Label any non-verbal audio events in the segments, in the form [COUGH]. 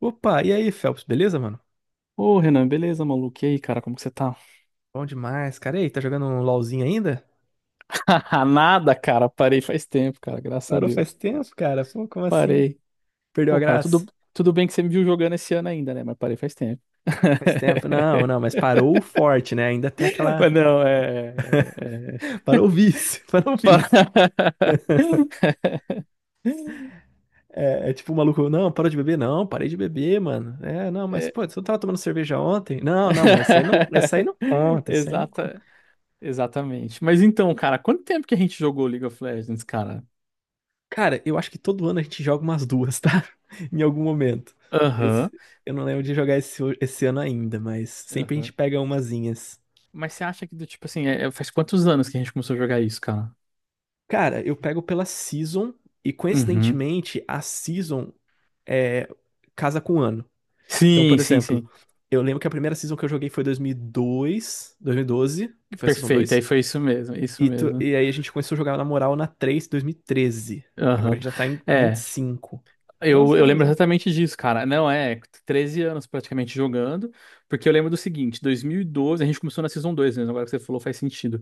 Opa, e aí, Phelps, beleza, mano? Ô, Renan, beleza, maluco? E aí, cara, como que você tá? Bom demais, cara. E aí, tá jogando um LOLzinho ainda? [LAUGHS] Nada, cara, parei faz tempo, cara, graças a Parou faz Deus. tempo, cara. Pô, como assim? Parei. Perdeu Pô, a cara, tudo, graça? tudo bem que você me viu jogando esse ano ainda, né? Mas parei faz tempo. Faz tempo. Não, não, [LAUGHS] mas parou o forte, né? Ainda tem aquela. Mas não, é. [LAUGHS] Parou o vício, [LAUGHS] parou o [LAUGHS] vício. Pa- [LAUGHS] É tipo o maluco, não, parou de beber? Não, parei de beber, mano. É, não, mas É. pô, você não tava tomando cerveja ontem? Não, não, mas essa aí não [LAUGHS] conta, essa aí não conta. Exata, exatamente. Mas então, cara, quanto tempo que a gente jogou League of Legends, cara? Cara, eu acho que todo ano a gente joga umas duas, tá? [LAUGHS] Em algum momento. Esse- Aham, eu não lembro de jogar esse ano ainda, mas sempre a gente aham. pega umazinhas. Mas você acha que, do tipo assim, faz quantos anos que a gente começou a jogar isso, cara? Cara, eu pego pela season e Uhum. coincidentemente a season é, casa com o ano. Então, por Sim, sim, exemplo, sim. eu lembro que a primeira season que eu joguei foi 2002, 2012, que foi a season Perfeito. 2. Aí foi isso mesmo, isso mesmo. E aí a gente começou a jogar na moral na 3, 2013. Agora a Aham. gente já tá em É, 25. eu, doze eu anos, lembro né? exatamente disso, cara. Não, é 13 anos praticamente jogando, porque eu lembro do seguinte, 2012 a gente começou na Season 2 mesmo, agora que você falou faz sentido.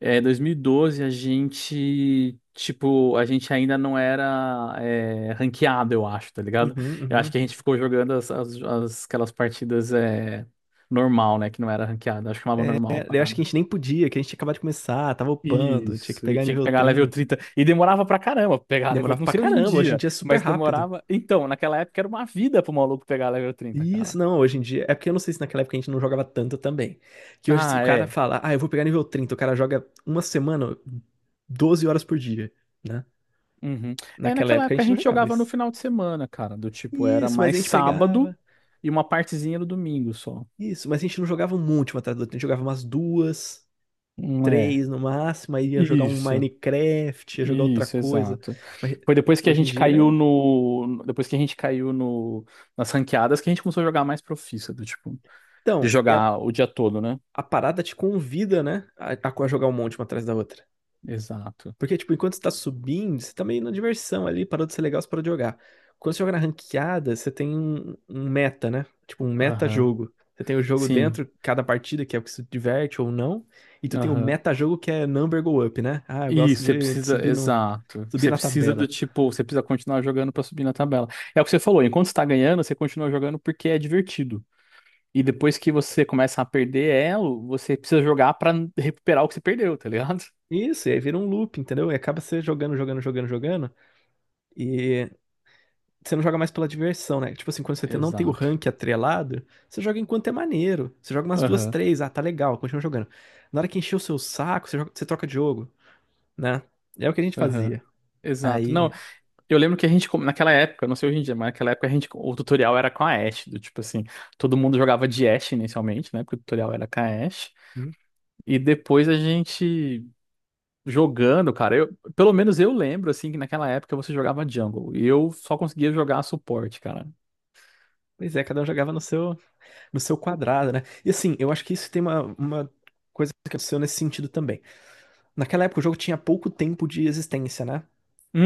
É, 2012 a gente, tipo, a gente ainda não era ranqueado, eu acho, tá ligado? Uhum, Eu acho uhum. que a gente ficou jogando aquelas partidas normal, né, que não era ranqueado, acho que chamava É, normal a eu acho que a parada. gente nem podia, que a gente tinha acabado de começar, tava upando, tinha que Isso, e pegar tinha que nível pegar level trinta, 30 e demorava pra caramba pegar level. Demorava Não pra sei hoje em caramba, hoje em dia, dia é super mas rápido. demorava. Então, naquela época era uma vida pro maluco pegar level 30, Isso, cara. não, hoje em dia. É porque eu não sei se naquela época a gente não jogava tanto também. Que hoje, se o Ah, cara é. fala, ah, eu vou pegar nível 30. O cara joga uma semana, 12 horas por dia, né? Uhum. É, Naquela naquela época a época a gente não gente jogava jogava no isso. final de semana, cara. Do tipo, era Isso, mas a mais gente sábado pegava. e uma partezinha no domingo só. Isso, mas a gente não jogava um monte uma atrás da outra. A gente jogava umas duas, Não é. três no máximo, aí ia jogar um Isso, Minecraft, ia jogar outra isso, coisa. exato. Mas Foi depois que a hoje em gente caiu dia. no. Depois que a gente caiu no, nas ranqueadas que a gente começou a jogar mais profissa, do tipo, de Então, e a, jogar o dia todo, né? a parada te convida, né? A jogar um monte uma atrás da outra. Exato. Porque, tipo, enquanto você tá subindo, você tá meio na diversão ali, parou de ser legal, você parou de jogar. Quando você joga na ranqueada, você tem um meta, né? Tipo, um Aham. meta-jogo. Você tem o jogo Sim. dentro, cada partida, que é o que se diverte ou não. E tu tem o Aham. meta-jogo, que é number go up, né? Ah, eu gosto Isso, você de precisa, subir, no, exato. subir Você na precisa do tabela. tipo, você precisa continuar jogando pra subir na tabela. É o que você falou, enquanto você tá ganhando, você continua jogando porque é divertido. E depois que você começa a perder elo, você precisa jogar pra recuperar o que você perdeu, tá ligado? Isso, e aí vira um loop, entendeu? E acaba você jogando, jogando, jogando, jogando. E você não joga mais pela diversão, né? Tipo assim, quando [LAUGHS] você não tem o Exato. rank atrelado, você joga enquanto é maneiro. Você joga umas duas, Aham. três, ah, tá legal, continua jogando. Na hora que encher o seu saco, você você troca de jogo, né? É o que a gente Aham. fazia. Exato. Não, Aí, eu lembro que a gente, naquela época, não sei hoje em dia, mas naquela época a gente, o tutorial era com a Ashe, do tipo assim, todo mundo jogava de Ashe inicialmente, né? Porque o tutorial era com a Ashe. hum, E depois a gente. Jogando, cara, eu, pelo menos eu lembro, assim, que naquela época você jogava jungle e eu só conseguia jogar suporte, cara. pois é, cada um jogava no seu quadrado, né? E assim, eu acho que isso tem uma coisa que aconteceu nesse sentido também. Naquela época o jogo tinha pouco tempo de existência, né?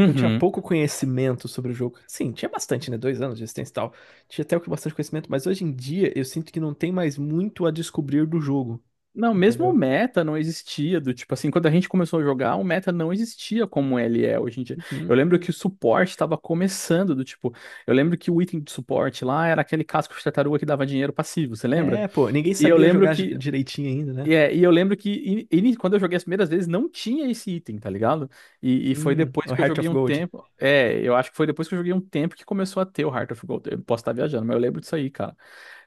Então tinha pouco conhecimento sobre o jogo. Sim, tinha bastante, né? 2 anos de existência e tal. Tinha até o que bastante conhecimento, mas hoje em dia eu sinto que não tem mais muito a descobrir do jogo, Não, mesmo o entendeu? meta não existia, do tipo assim, quando a gente começou a jogar, o meta não existia como ele é hoje em dia. Eu Uhum. lembro que o suporte estava começando, do tipo, eu lembro que o item de suporte lá era aquele casco de tartaruga que dava dinheiro passivo, você lembra? É, pô, ninguém E eu sabia lembro jogar que direitinho ainda, né? Quando eu joguei as primeiras vezes não tinha esse item, tá ligado? E foi depois O que eu Heart joguei of um Gold. tempo. É, eu acho que foi depois que eu joguei um tempo que começou a ter o Heart of Gold. Eu posso estar viajando, mas eu lembro disso aí, cara.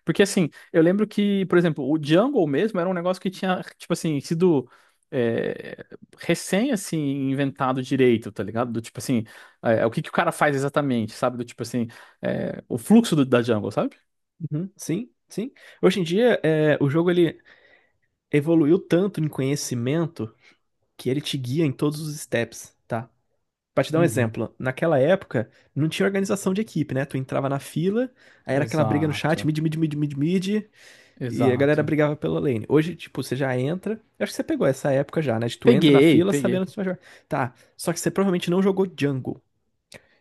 Porque assim, eu lembro que, por exemplo, o Jungle mesmo era um negócio que tinha, tipo assim, sido é, recém, assim, inventado direito, tá ligado? Do tipo assim, o que que o cara faz exatamente, sabe? Do tipo assim, o fluxo da Jungle, sabe? Uhum, sim, sim. Hoje em dia o jogo ele evoluiu tanto em conhecimento que ele te guia em todos os steps, tá? Pra te dar um Uhum. exemplo, naquela época não tinha organização de equipe, né? Tu entrava na fila, aí era aquela briga no chat, Exato, mid, mid, mid, mid, mid. E a galera exato. brigava pela lane. Hoje, tipo, você já entra. Eu acho que você pegou essa época já, né? De tu entra na Peguei, fila peguei. sabendo que você vai jogar. Tá. Só que você provavelmente não jogou jungle.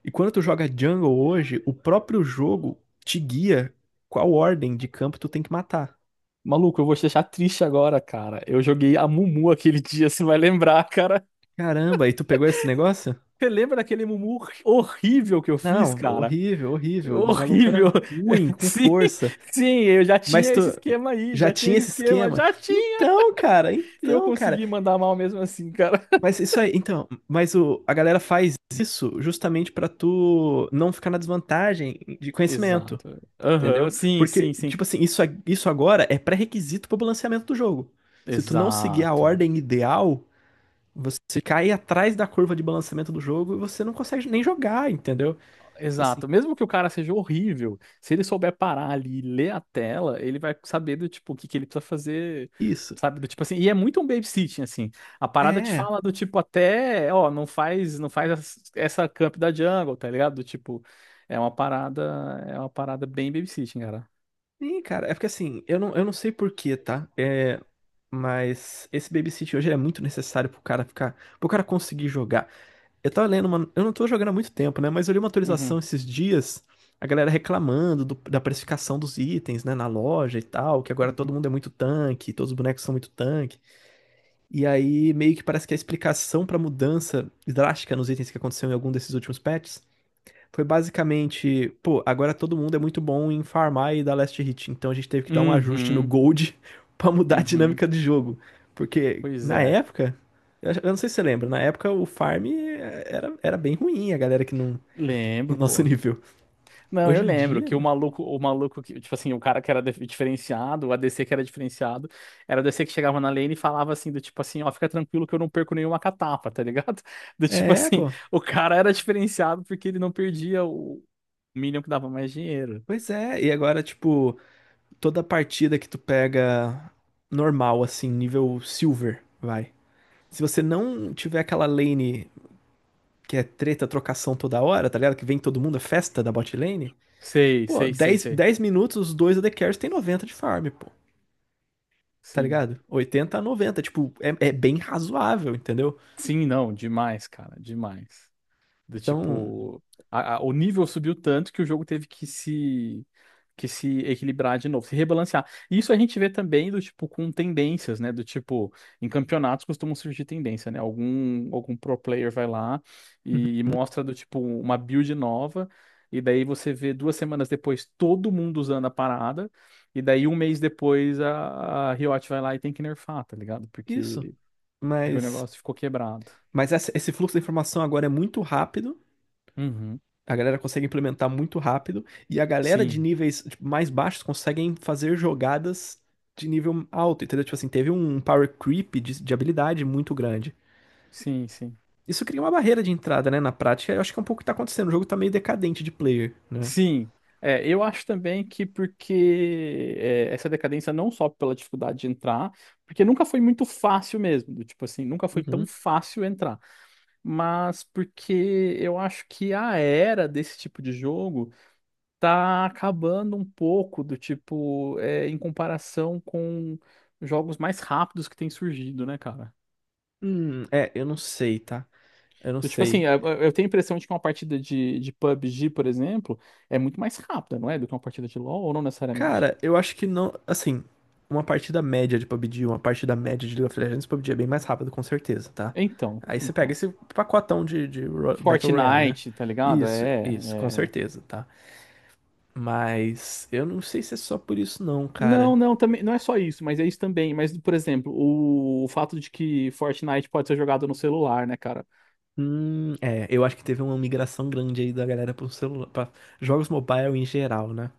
E quando tu joga jungle hoje, o próprio jogo te guia qual ordem de campo tu tem que matar. Maluco, eu vou te deixar triste agora, cara. Eu joguei a Mumu aquele dia, você vai lembrar, cara. Caramba, e tu pegou esse negócio? Você lembra daquele Mumu horrível que eu fiz, Não, cara? horrível, horrível. O maluco era Horrível. ruim, [LAUGHS] com Sim, força. sim, eu já Mas tinha tu esse esquema aí, já já tinha tinha esse esse esquema, esquema. já tinha. Então, cara, E eu então, cara. consegui mandar mal mesmo assim, cara. Mas isso aí, então, a galera faz isso justamente pra tu não ficar na desvantagem de [LAUGHS] conhecimento, Exato. Aham, entendeu? sim, Porque, sim, sim. tipo assim, isso, isso agora é pré-requisito pro balanceamento do jogo. Se tu não seguir a Exato. ordem ideal, você cai atrás da curva de balanceamento do jogo e você não consegue nem jogar, entendeu? Então, assim, Exato. Mesmo que o cara seja horrível, se ele souber parar ali e ler a tela, ele vai saber do tipo o que que ele precisa fazer, isso. sabe? Do tipo assim, e é muito um babysitting assim. A parada te É, fala do tipo até, ó, não faz essa camp da jungle, tá ligado? Do tipo, é uma parada, é uma parada bem babysitting, cara. sim, cara, é porque assim, eu não sei por quê, tá? É, mas esse babysit hoje ele é muito necessário pro cara ficar, pro cara conseguir jogar. Eu tava lendo, mano. Eu não tô jogando há muito tempo, né? Mas eu li uma atualização Uhum, esses dias, a galera reclamando da precificação dos itens, né? Na loja e tal, que agora todo uhum. mundo é muito tanque, todos os bonecos são muito tanque. E aí meio que parece que a explicação pra mudança drástica nos itens que aconteceu em algum desses últimos patches foi basicamente, pô, agora todo mundo é muito bom em farmar e dar last hit, então a gente teve que dar um ajuste no Uhum, gold [LAUGHS] pra mudar a uhum. dinâmica do jogo. Porque Pois na é. época, eu não sei se você lembra, na época o farm era bem ruim, a galera que não, no Lembro, nosso [LAUGHS] pô. nível. Não, eu Hoje em lembro dia, que mano, o maluco que, tipo assim, o cara que era diferenciado, o ADC que era diferenciado, era o ADC que chegava na lane e falava assim, do tipo assim, ó, fica tranquilo que eu não perco nenhuma catapa, tá ligado? [LAUGHS] Do tipo é, assim, pô. o cara era diferenciado porque ele não perdia o minion que dava mais dinheiro. Pois é, e agora, tipo, toda partida que tu pega normal, assim, nível silver, vai. Se você não tiver aquela lane que é treta, trocação toda hora, tá ligado? Que vem todo mundo, é festa da bot lane. Sei, Pô, sei, sei, dez, sei. dez minutos, os dois AD Carries tem 90 de farm, pô. Tá Sim. ligado? 80, a 90, tipo, é bem razoável, entendeu? Sim, não, demais, cara, demais. Do Então, tipo, o nível subiu tanto que o jogo teve que se equilibrar de novo, se rebalancear. E isso a gente vê também do tipo com tendências, né? Do tipo, em campeonatos costumam surgir tendência, né? Algum pro player vai lá uhum. e mostra do tipo uma build nova e daí você vê 2 semanas depois todo mundo usando a parada e daí um mês depois a Riot vai lá e tem que nerfar, tá ligado? Isso. Porque o Mas, negócio ficou quebrado. mas esse fluxo de informação agora é muito rápido. Uhum. A galera consegue implementar muito rápido. E a galera de Sim, níveis tipo, mais baixos conseguem fazer jogadas de nível alto, entendeu? Tipo assim, teve um power creep de habilidade muito grande. sim, sim. Isso cria uma barreira de entrada, né? Na prática, eu acho que é um pouco o que tá acontecendo. O jogo tá meio decadente de player, né? Sim, é, eu acho também que porque essa decadência não só pela dificuldade de entrar, porque nunca foi muito fácil mesmo, do tipo assim, nunca foi tão Uhum. fácil entrar, mas porque eu acho que a era desse tipo de jogo tá acabando um pouco do tipo, em comparação com jogos mais rápidos que têm surgido, né, cara? É, eu não sei, tá? Eu não Do tipo assim, sei. eu tenho a impressão de que uma partida de PUBG, por exemplo, é muito mais rápida, não é? Do que uma partida de LoL, ou não necessariamente? Cara, eu acho que não. Assim, uma partida média de PUBG, uma partida média de League of Legends, PUBG é bem mais rápido, com certeza, tá? Então, Aí você pega então. esse pacotão de Battle Royale, né? Fortnite, tá ligado? Isso, É, isso, com é- é. certeza, tá? Mas eu não sei se é só por isso, não, Não, cara. não, também, não é só isso, mas é isso também. Mas, por exemplo, o fato de que Fortnite pode ser jogado no celular, né, cara? É, eu acho que teve uma migração grande aí da galera pro celular, pra jogos mobile em geral, né?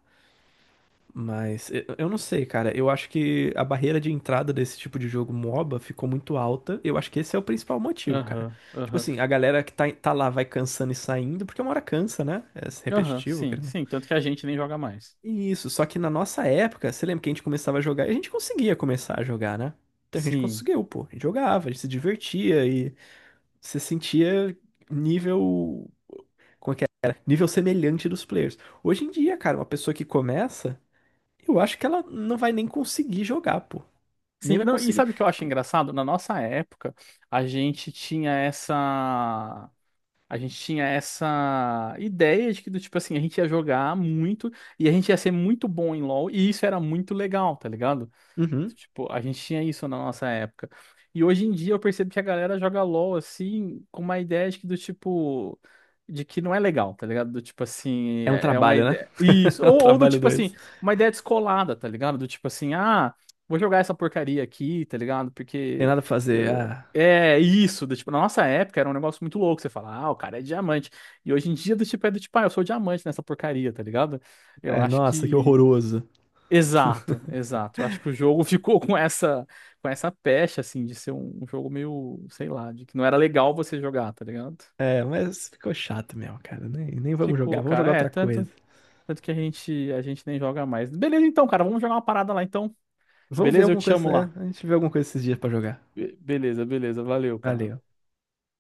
Mas eu não sei, cara. Eu acho que a barreira de entrada desse tipo de jogo MOBA ficou muito alta. Eu acho que esse é o principal motivo, cara. Aham, Tipo aham. assim, a galera que tá lá vai cansando e saindo, porque uma hora cansa, né? É Aham, repetitivo, sim, querendo ou sim. não. Tanto que a gente nem joga mais. Isso, só que na nossa época, você lembra que a gente começava a jogar e a gente conseguia começar a jogar, né? Então a gente Sim. conseguiu, pô. A gente jogava, a gente se divertia e você sentia nível. Como é que era? Nível semelhante dos players. Hoje em dia, cara, uma pessoa que começa. Eu acho que ela não vai nem conseguir jogar, pô. Nem Sim, vai não, e conseguir. sabe o que eu acho Tipo, engraçado? Na nossa época, a gente tinha essa. A gente tinha essa ideia de que, do tipo assim, a gente ia jogar muito e a gente ia ser muito bom em LoL, e isso era muito legal, tá ligado? uhum. Tipo, a gente tinha isso na nossa época. E hoje em dia eu percebo que a galera joga LoL assim, com uma ideia de que do tipo. De que não é legal, tá ligado? Do tipo assim, É um é uma trabalho, né? ideia. [LAUGHS] Isso. É um Ou do trabalho tipo assim, dois. uma ideia descolada, tá ligado? Do tipo assim, ah, vou jogar essa porcaria aqui, tá ligado? Tem Porque. nada pra fazer. eu- Ah, É isso. Do tipo, na nossa época era um negócio muito louco. Você fala, ah, o cara é diamante. E hoje em dia, do tipo, é do tipo, ah, eu sou diamante nessa porcaria, tá ligado? Eu é, acho nossa, que que. horroroso. Exato, exato. Eu acho que o jogo [LAUGHS] ficou com essa pecha assim de ser um jogo meio, sei lá, de que não era legal você jogar, tá ligado? É, mas ficou chato mesmo, cara. Nem vamos jogar. Ficou, Vamos cara. jogar É, outra coisa. tanto que a gente nem joga mais. Beleza então, cara, vamos jogar uma parada lá então. Vamos ver Beleza? Eu alguma te chamo coisa. É, lá. a gente vê alguma coisa esses dias pra jogar. Beleza, beleza. Valeu, cara. Valeu.